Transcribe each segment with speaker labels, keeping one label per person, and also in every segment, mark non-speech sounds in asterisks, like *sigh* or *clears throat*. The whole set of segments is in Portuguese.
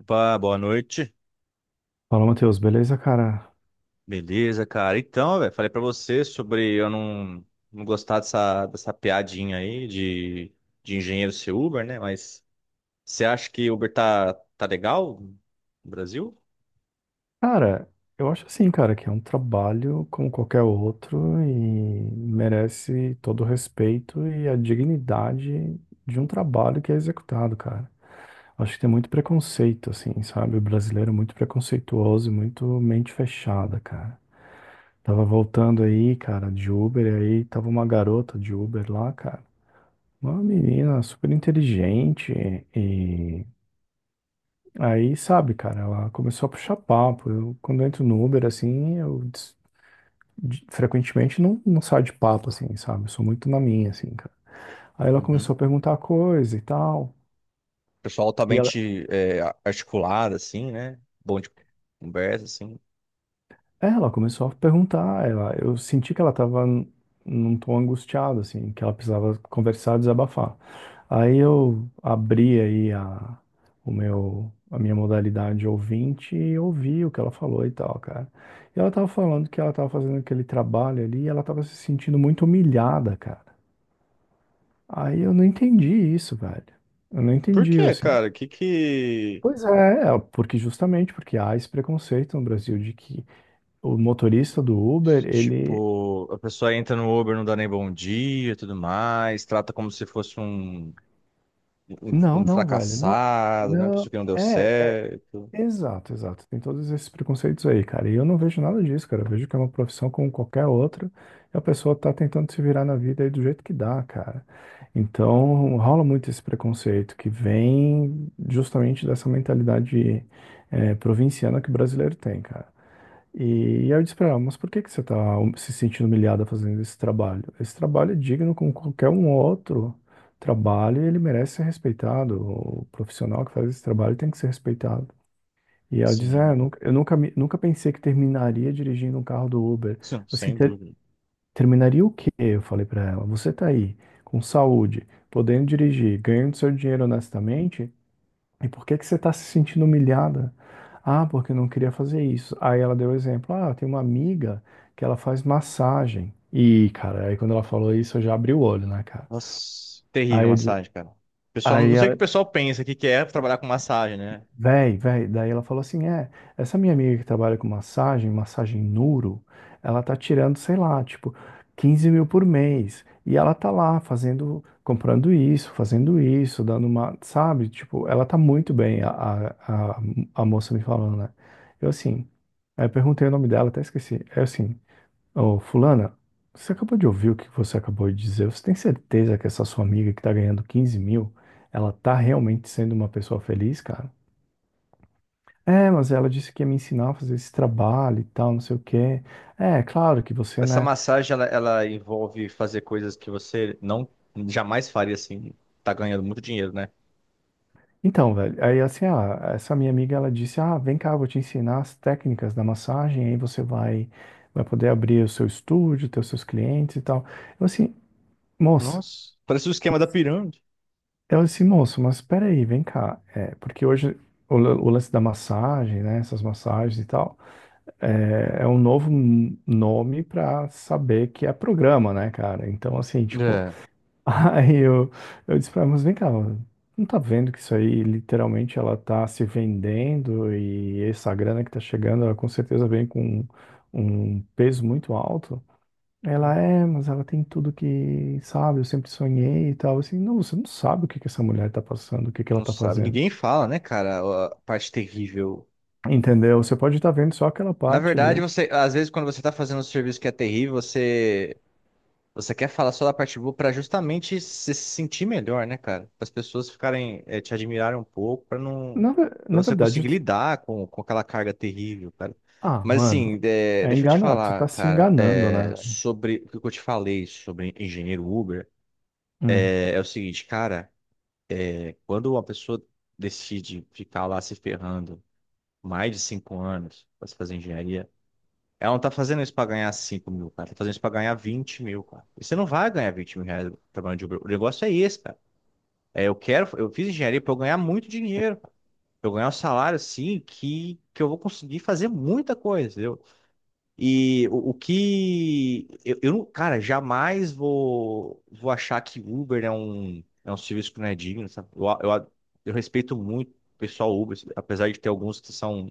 Speaker 1: Opa, boa noite.
Speaker 2: Fala, Matheus, beleza, cara?
Speaker 1: Beleza, cara. Então, velho, falei pra você sobre eu não gostar dessa piadinha aí de engenheiro ser Uber, né? Mas você acha que Uber tá legal no Brasil?
Speaker 2: Cara, eu acho assim, cara, que é um trabalho como qualquer outro e merece todo o respeito e a dignidade de um trabalho que é executado, cara. Acho que tem muito preconceito, assim, sabe? O brasileiro é muito preconceituoso e muito mente fechada, cara. Tava voltando aí, cara, de Uber, e aí tava uma garota de Uber lá, cara. Uma menina super inteligente e aí, sabe, cara, ela começou a puxar papo. Eu, quando eu entro no Uber, assim, frequentemente não saio de papo, assim, sabe? Eu sou muito na minha, assim, cara. Aí ela
Speaker 1: Uhum.
Speaker 2: começou a perguntar coisa e tal.
Speaker 1: Pessoal altamente articulado, assim, né? Bom de conversa, assim.
Speaker 2: É, ela começou a perguntar, eu senti que ela estava num tom angustiado, assim, que ela precisava conversar, desabafar. Aí eu abri aí a minha modalidade ouvinte e ouvi o que ela falou e tal, cara. E ela tava falando que ela tava fazendo aquele trabalho ali e ela tava se sentindo muito humilhada, cara. Aí eu não entendi isso, velho. Eu não
Speaker 1: Por
Speaker 2: entendi,
Speaker 1: quê,
Speaker 2: assim.
Speaker 1: cara? Que que.
Speaker 2: Pois é, porque justamente porque há esse preconceito no Brasil de que o motorista do Uber, ele.
Speaker 1: Tipo, a pessoa entra no Uber, não dá nem bom dia e tudo mais, trata como se fosse um,
Speaker 2: Não,
Speaker 1: um
Speaker 2: não, velho, não,
Speaker 1: fracassado, né? Uma
Speaker 2: não,
Speaker 1: pessoa que não deu
Speaker 2: é,
Speaker 1: certo.
Speaker 2: exato, exato, tem todos esses preconceitos aí, cara, e eu não vejo nada disso, cara, eu vejo que é uma profissão como qualquer outra, e a pessoa tá tentando se virar na vida aí do jeito que dá, cara, então rola muito esse preconceito que vem justamente dessa mentalidade provinciana que o brasileiro tem, cara. E aí eu disse pra ela, mas por que que você tá se sentindo humilhada fazendo esse trabalho? Esse trabalho é digno como qualquer um outro trabalho e ele merece ser respeitado. O profissional que faz esse trabalho tem que ser respeitado. E ela diz, ah, eu
Speaker 1: Sim,
Speaker 2: nunca, eu nunca, me- nunca pensei que terminaria dirigindo um carro do Uber.
Speaker 1: sim,
Speaker 2: Assim,
Speaker 1: sem dúvida.
Speaker 2: terminaria o quê? Eu falei pra ela, você tá aí, com saúde, podendo dirigir, ganhando seu dinheiro honestamente, e por que que você está se sentindo humilhada? Ah, porque eu não queria fazer isso. Aí ela deu o exemplo. Ah, tem uma amiga que ela faz massagem. E, cara, aí quando ela falou isso, eu já abri o olho, né, cara?
Speaker 1: Nossa, terrível a
Speaker 2: Aí, eu di-
Speaker 1: massagem, cara. Pessoal, não
Speaker 2: aí,
Speaker 1: sei o que o pessoal pensa que é trabalhar com massagem, né?
Speaker 2: Véi, daí ela falou assim, essa minha amiga que trabalha com massagem, massagem Nuro, ela tá tirando, sei lá, tipo, 15 mil por mês, e ela tá lá fazendo, comprando isso, fazendo isso, dando uma, sabe, tipo, ela tá muito bem, a moça me falando, né, eu assim, aí eu perguntei o nome dela, até esqueci, é assim, ô, fulana, você acabou de ouvir o que você acabou de dizer, você tem certeza que essa sua amiga que tá ganhando 15 mil, ela tá realmente sendo uma pessoa feliz, cara? É, mas ela disse que ia me ensinar a fazer esse trabalho e tal, não sei o quê. É, claro que você,
Speaker 1: Essa
Speaker 2: né?
Speaker 1: massagem, ela envolve fazer coisas que você não jamais faria assim, tá ganhando muito dinheiro, né?
Speaker 2: Então, velho, aí assim, ah, essa minha amiga, ela disse, ah, vem cá, eu vou te ensinar as técnicas da massagem, aí você vai poder abrir o seu estúdio, ter os seus clientes e tal. Eu assim, moça,
Speaker 1: Nossa. Parece o esquema da pirâmide.
Speaker 2: eu assim, moço, mas espera aí, vem cá. É, porque hoje o lance da massagem, né, essas massagens e tal, é um novo nome pra saber que é programa, né, cara? Então, assim, tipo.
Speaker 1: É.
Speaker 2: *laughs* Aí eu disse pra ela, vem cá, não tá vendo que isso aí literalmente ela tá se vendendo e essa grana que tá chegando, ela com certeza vem com um peso muito alto. Ela é, mas ela tem tudo que, sabe, eu sempre sonhei e tal. Assim, não, você não sabe o que que essa mulher tá passando, o que que ela
Speaker 1: Não
Speaker 2: tá
Speaker 1: sabe,
Speaker 2: fazendo.
Speaker 1: ninguém fala, né, cara, a parte terrível.
Speaker 2: Entendeu? Você pode estar vendo só aquela
Speaker 1: Na
Speaker 2: parte
Speaker 1: verdade,
Speaker 2: ali.
Speaker 1: você, às vezes, quando você tá fazendo um serviço que é terrível. Você quer falar só da parte boa para justamente se sentir melhor, né, cara? Para as pessoas ficarem, te admirarem um pouco, para não,
Speaker 2: Na, ve-
Speaker 1: para
Speaker 2: na
Speaker 1: você
Speaker 2: verdade,
Speaker 1: conseguir lidar com aquela carga terrível, cara.
Speaker 2: ah,
Speaker 1: Mas assim,
Speaker 2: mano,
Speaker 1: deixa eu te
Speaker 2: tu
Speaker 1: falar,
Speaker 2: tá se
Speaker 1: cara,
Speaker 2: enganando, né? Velho?
Speaker 1: sobre o que eu te falei sobre engenheiro Uber,
Speaker 2: Hum,
Speaker 1: é o seguinte, cara, quando uma pessoa decide ficar lá se ferrando mais de 5 anos para se fazer engenharia ela não tá fazendo isso pra ganhar 5 mil, cara. Tá fazendo isso pra ganhar 20 mil, cara. E você não vai ganhar 20 mil reais trabalhando de Uber. O negócio é esse, cara. É, eu fiz engenharia pra eu ganhar muito dinheiro, cara. Pra eu ganhar um salário assim que eu vou conseguir fazer muita coisa, entendeu? E o que eu não, cara, jamais vou achar que Uber é um serviço que não é digno, sabe? Eu respeito muito o pessoal Uber, apesar de ter alguns que são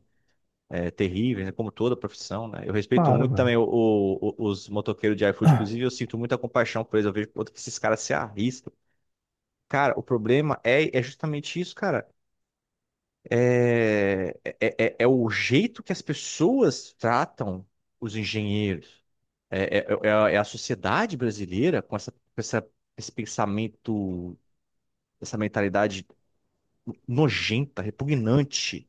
Speaker 1: terríveis, né, como toda profissão, né? Eu respeito
Speaker 2: claro,
Speaker 1: muito
Speaker 2: velho.
Speaker 1: também os motoqueiros de iFood, inclusive eu
Speaker 2: *clears throat*
Speaker 1: sinto muita compaixão por eles, eu vejo o quanto que esses caras se arriscam. Cara, o problema é justamente isso, cara. É o jeito que as pessoas tratam os engenheiros. É a sociedade brasileira com essa, esse pensamento, essa mentalidade nojenta, repugnante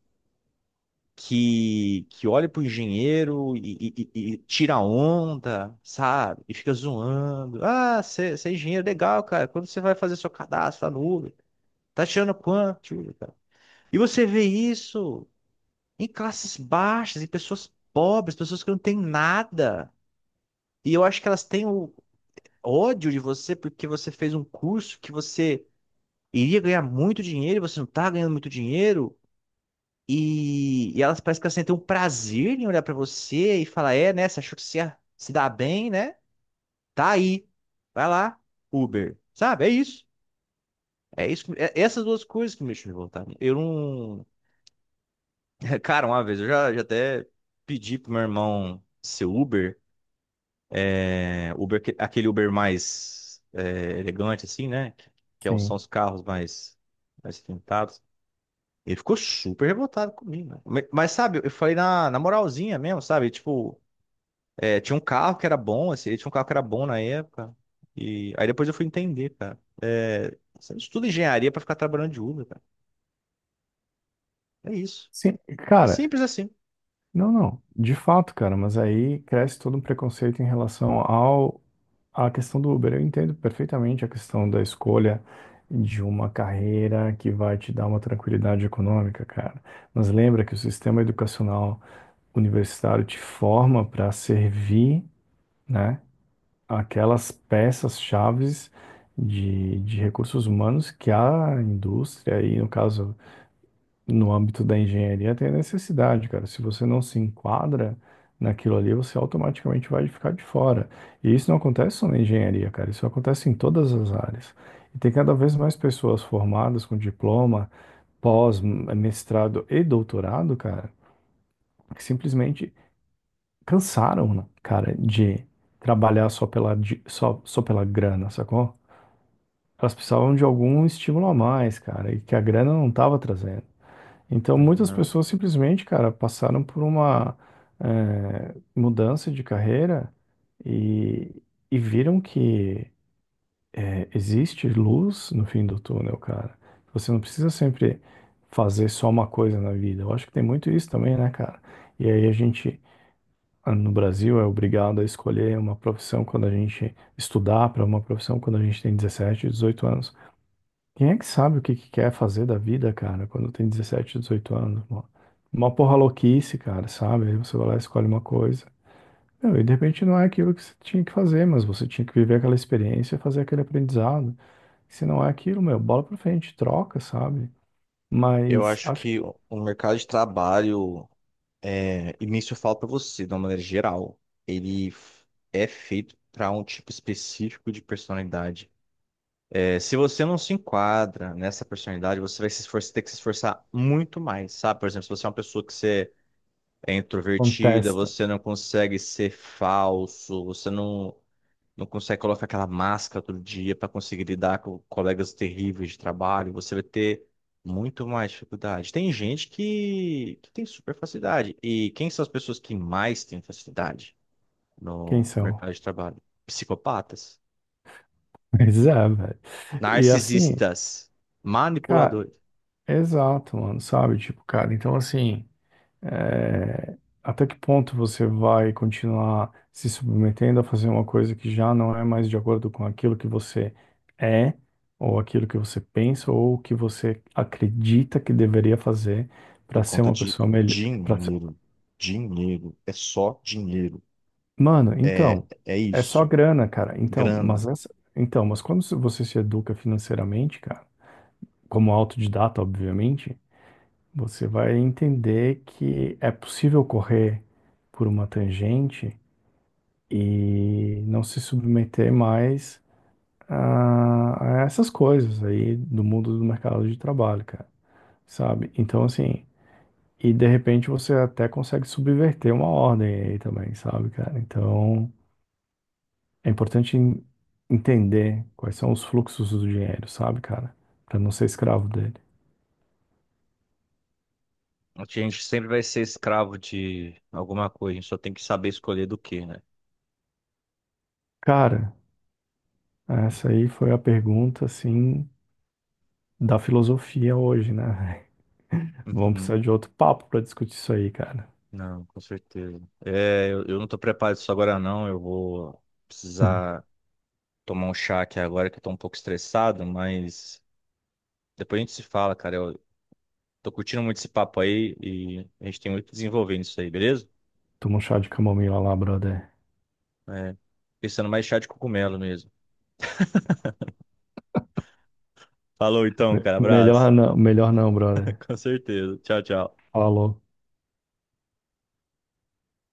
Speaker 1: que olha pro engenheiro e tira onda, sabe? E fica zoando. Ah, você é engenheiro, legal, cara. Quando você vai fazer seu cadastro lá no Uber, tá tirando quanto, Uber, cara? E você vê isso em classes baixas, em pessoas pobres, pessoas que não têm nada. E eu acho que elas têm o ódio de você porque você fez um curso que você iria ganhar muito dinheiro e você não tá ganhando muito dinheiro. E elas parecem que elas sentem um prazer em olhar pra você e falar, é, né? Você achou que você ia se dá bem, né? Tá aí. Vai lá, Uber. Sabe? É isso. É isso. É essas duas coisas que me deixam revoltado. Eu não. *laughs* Cara, uma vez eu já até pedi pro meu irmão ser Uber. É, Uber, aquele Uber mais elegante, assim, né? São
Speaker 2: Sim.
Speaker 1: os carros mais pintados. Ele ficou super revoltado comigo, né? Mas, sabe, eu falei na moralzinha mesmo, sabe? Tipo. É, tinha um carro que era bom, assim, tinha um carro que era bom na época. E aí depois eu fui entender, cara. É, você não estuda engenharia pra ficar trabalhando de Uber, cara. É isso.
Speaker 2: Sim,
Speaker 1: É
Speaker 2: cara.
Speaker 1: simples assim.
Speaker 2: Não, não. De fato, cara, mas aí cresce todo um preconceito em relação ao à questão do Uber. Eu entendo perfeitamente a questão da escolha de uma carreira que vai te dar uma tranquilidade econômica, cara. Mas lembra que o sistema educacional universitário te forma para servir, né, aquelas peças-chaves de recursos humanos que a indústria, e no caso no âmbito da engenharia tem a necessidade, cara. Se você não se enquadra naquilo ali, você automaticamente vai ficar de fora. E isso não acontece só na engenharia, cara. Isso acontece em todas as áreas. E tem cada vez mais pessoas formadas com diploma, pós, mestrado e doutorado, cara, que simplesmente cansaram, né, cara, de trabalhar só pela grana, sacou? Elas precisavam de algum estímulo a mais, cara, e que a grana não estava trazendo. Então, muitas
Speaker 1: Uhum.
Speaker 2: pessoas simplesmente, cara, passaram por uma mudança de carreira e, e viram que existe luz no fim do túnel, cara. Você não precisa sempre fazer só uma coisa na vida. Eu acho que tem muito isso também, né, cara? E aí a gente, no Brasil, é obrigado a escolher uma profissão quando a gente estudar para uma profissão quando a gente tem 17, 18 anos. Quem é que sabe o que que quer fazer da vida, cara, quando tem 17, 18 anos? Uma porra louquice, cara, sabe? Aí você vai lá e escolhe uma coisa. Meu, e de repente não é aquilo que você tinha que fazer, mas você tinha que viver aquela experiência, fazer aquele aprendizado. Se não é aquilo, meu, bola pra frente, troca, sabe?
Speaker 1: Eu
Speaker 2: Mas
Speaker 1: acho
Speaker 2: acho que
Speaker 1: que o mercado de trabalho, é, e nisso eu falo pra você, de uma maneira geral, ele f- é feito pra um tipo específico de personalidade. É, se você não se enquadra nessa personalidade, você vai se esforçar, ter que se esforçar muito mais, sabe? Por exemplo, se você é uma pessoa que você é introvertida,
Speaker 2: contesta
Speaker 1: você não consegue ser falso, você não, não consegue colocar aquela máscara todo dia para conseguir lidar com colegas terríveis de trabalho, você vai ter muito mais dificuldade. Tem gente que tem super facilidade. E quem são as pessoas que mais têm facilidade
Speaker 2: quem
Speaker 1: no
Speaker 2: são.
Speaker 1: mercado de trabalho? Psicopatas,
Speaker 2: *laughs* Mas é, velho. E assim,
Speaker 1: narcisistas,
Speaker 2: cara,
Speaker 1: manipuladores,
Speaker 2: exato, mano, sabe? Tipo, cara, então assim. É, até que ponto você vai continuar se submetendo a fazer uma coisa que já não é mais de acordo com aquilo que você é, ou aquilo que você pensa, ou o que você acredita que deveria fazer
Speaker 1: por
Speaker 2: para ser
Speaker 1: conta
Speaker 2: uma
Speaker 1: de
Speaker 2: pessoa melhor?
Speaker 1: dinheiro. Dinheiro, é só dinheiro,
Speaker 2: Mano, então,
Speaker 1: é
Speaker 2: é só
Speaker 1: isso.
Speaker 2: grana, cara. Então,
Speaker 1: Grana.
Speaker 2: mas essa... então, mas quando você se educa financeiramente, cara, como autodidata, obviamente, você vai entender que é possível correr por uma tangente e não se submeter mais a essas coisas aí do mundo do mercado de trabalho, cara, sabe? Então, assim, e de repente você até consegue subverter uma ordem aí também, sabe, cara? Então, é importante entender quais são os fluxos do dinheiro, sabe, cara? Pra não ser escravo dele.
Speaker 1: A gente sempre vai ser escravo de alguma coisa, a gente só tem que saber escolher do que, né?
Speaker 2: Cara, essa aí foi a pergunta, assim, da filosofia hoje, né? *laughs* Vamos
Speaker 1: Uhum.
Speaker 2: precisar de outro papo pra discutir isso aí, cara.
Speaker 1: Não, com certeza. É, eu não tô preparado isso agora não, eu vou
Speaker 2: *laughs*
Speaker 1: precisar tomar um chá aqui agora que eu tô um pouco estressado, mas depois a gente se fala, cara. Eu tô curtindo muito esse papo aí e a gente tem muito que desenvolver nisso aí, beleza?
Speaker 2: Toma um chá de camomila lá, brother.
Speaker 1: É, pensando mais chá de cogumelo mesmo. Falou então,
Speaker 2: Me-
Speaker 1: cara,
Speaker 2: melhor
Speaker 1: abraço.
Speaker 2: não, melhor não,
Speaker 1: *laughs*
Speaker 2: brother.
Speaker 1: Com certeza. Tchau, tchau.
Speaker 2: Falou.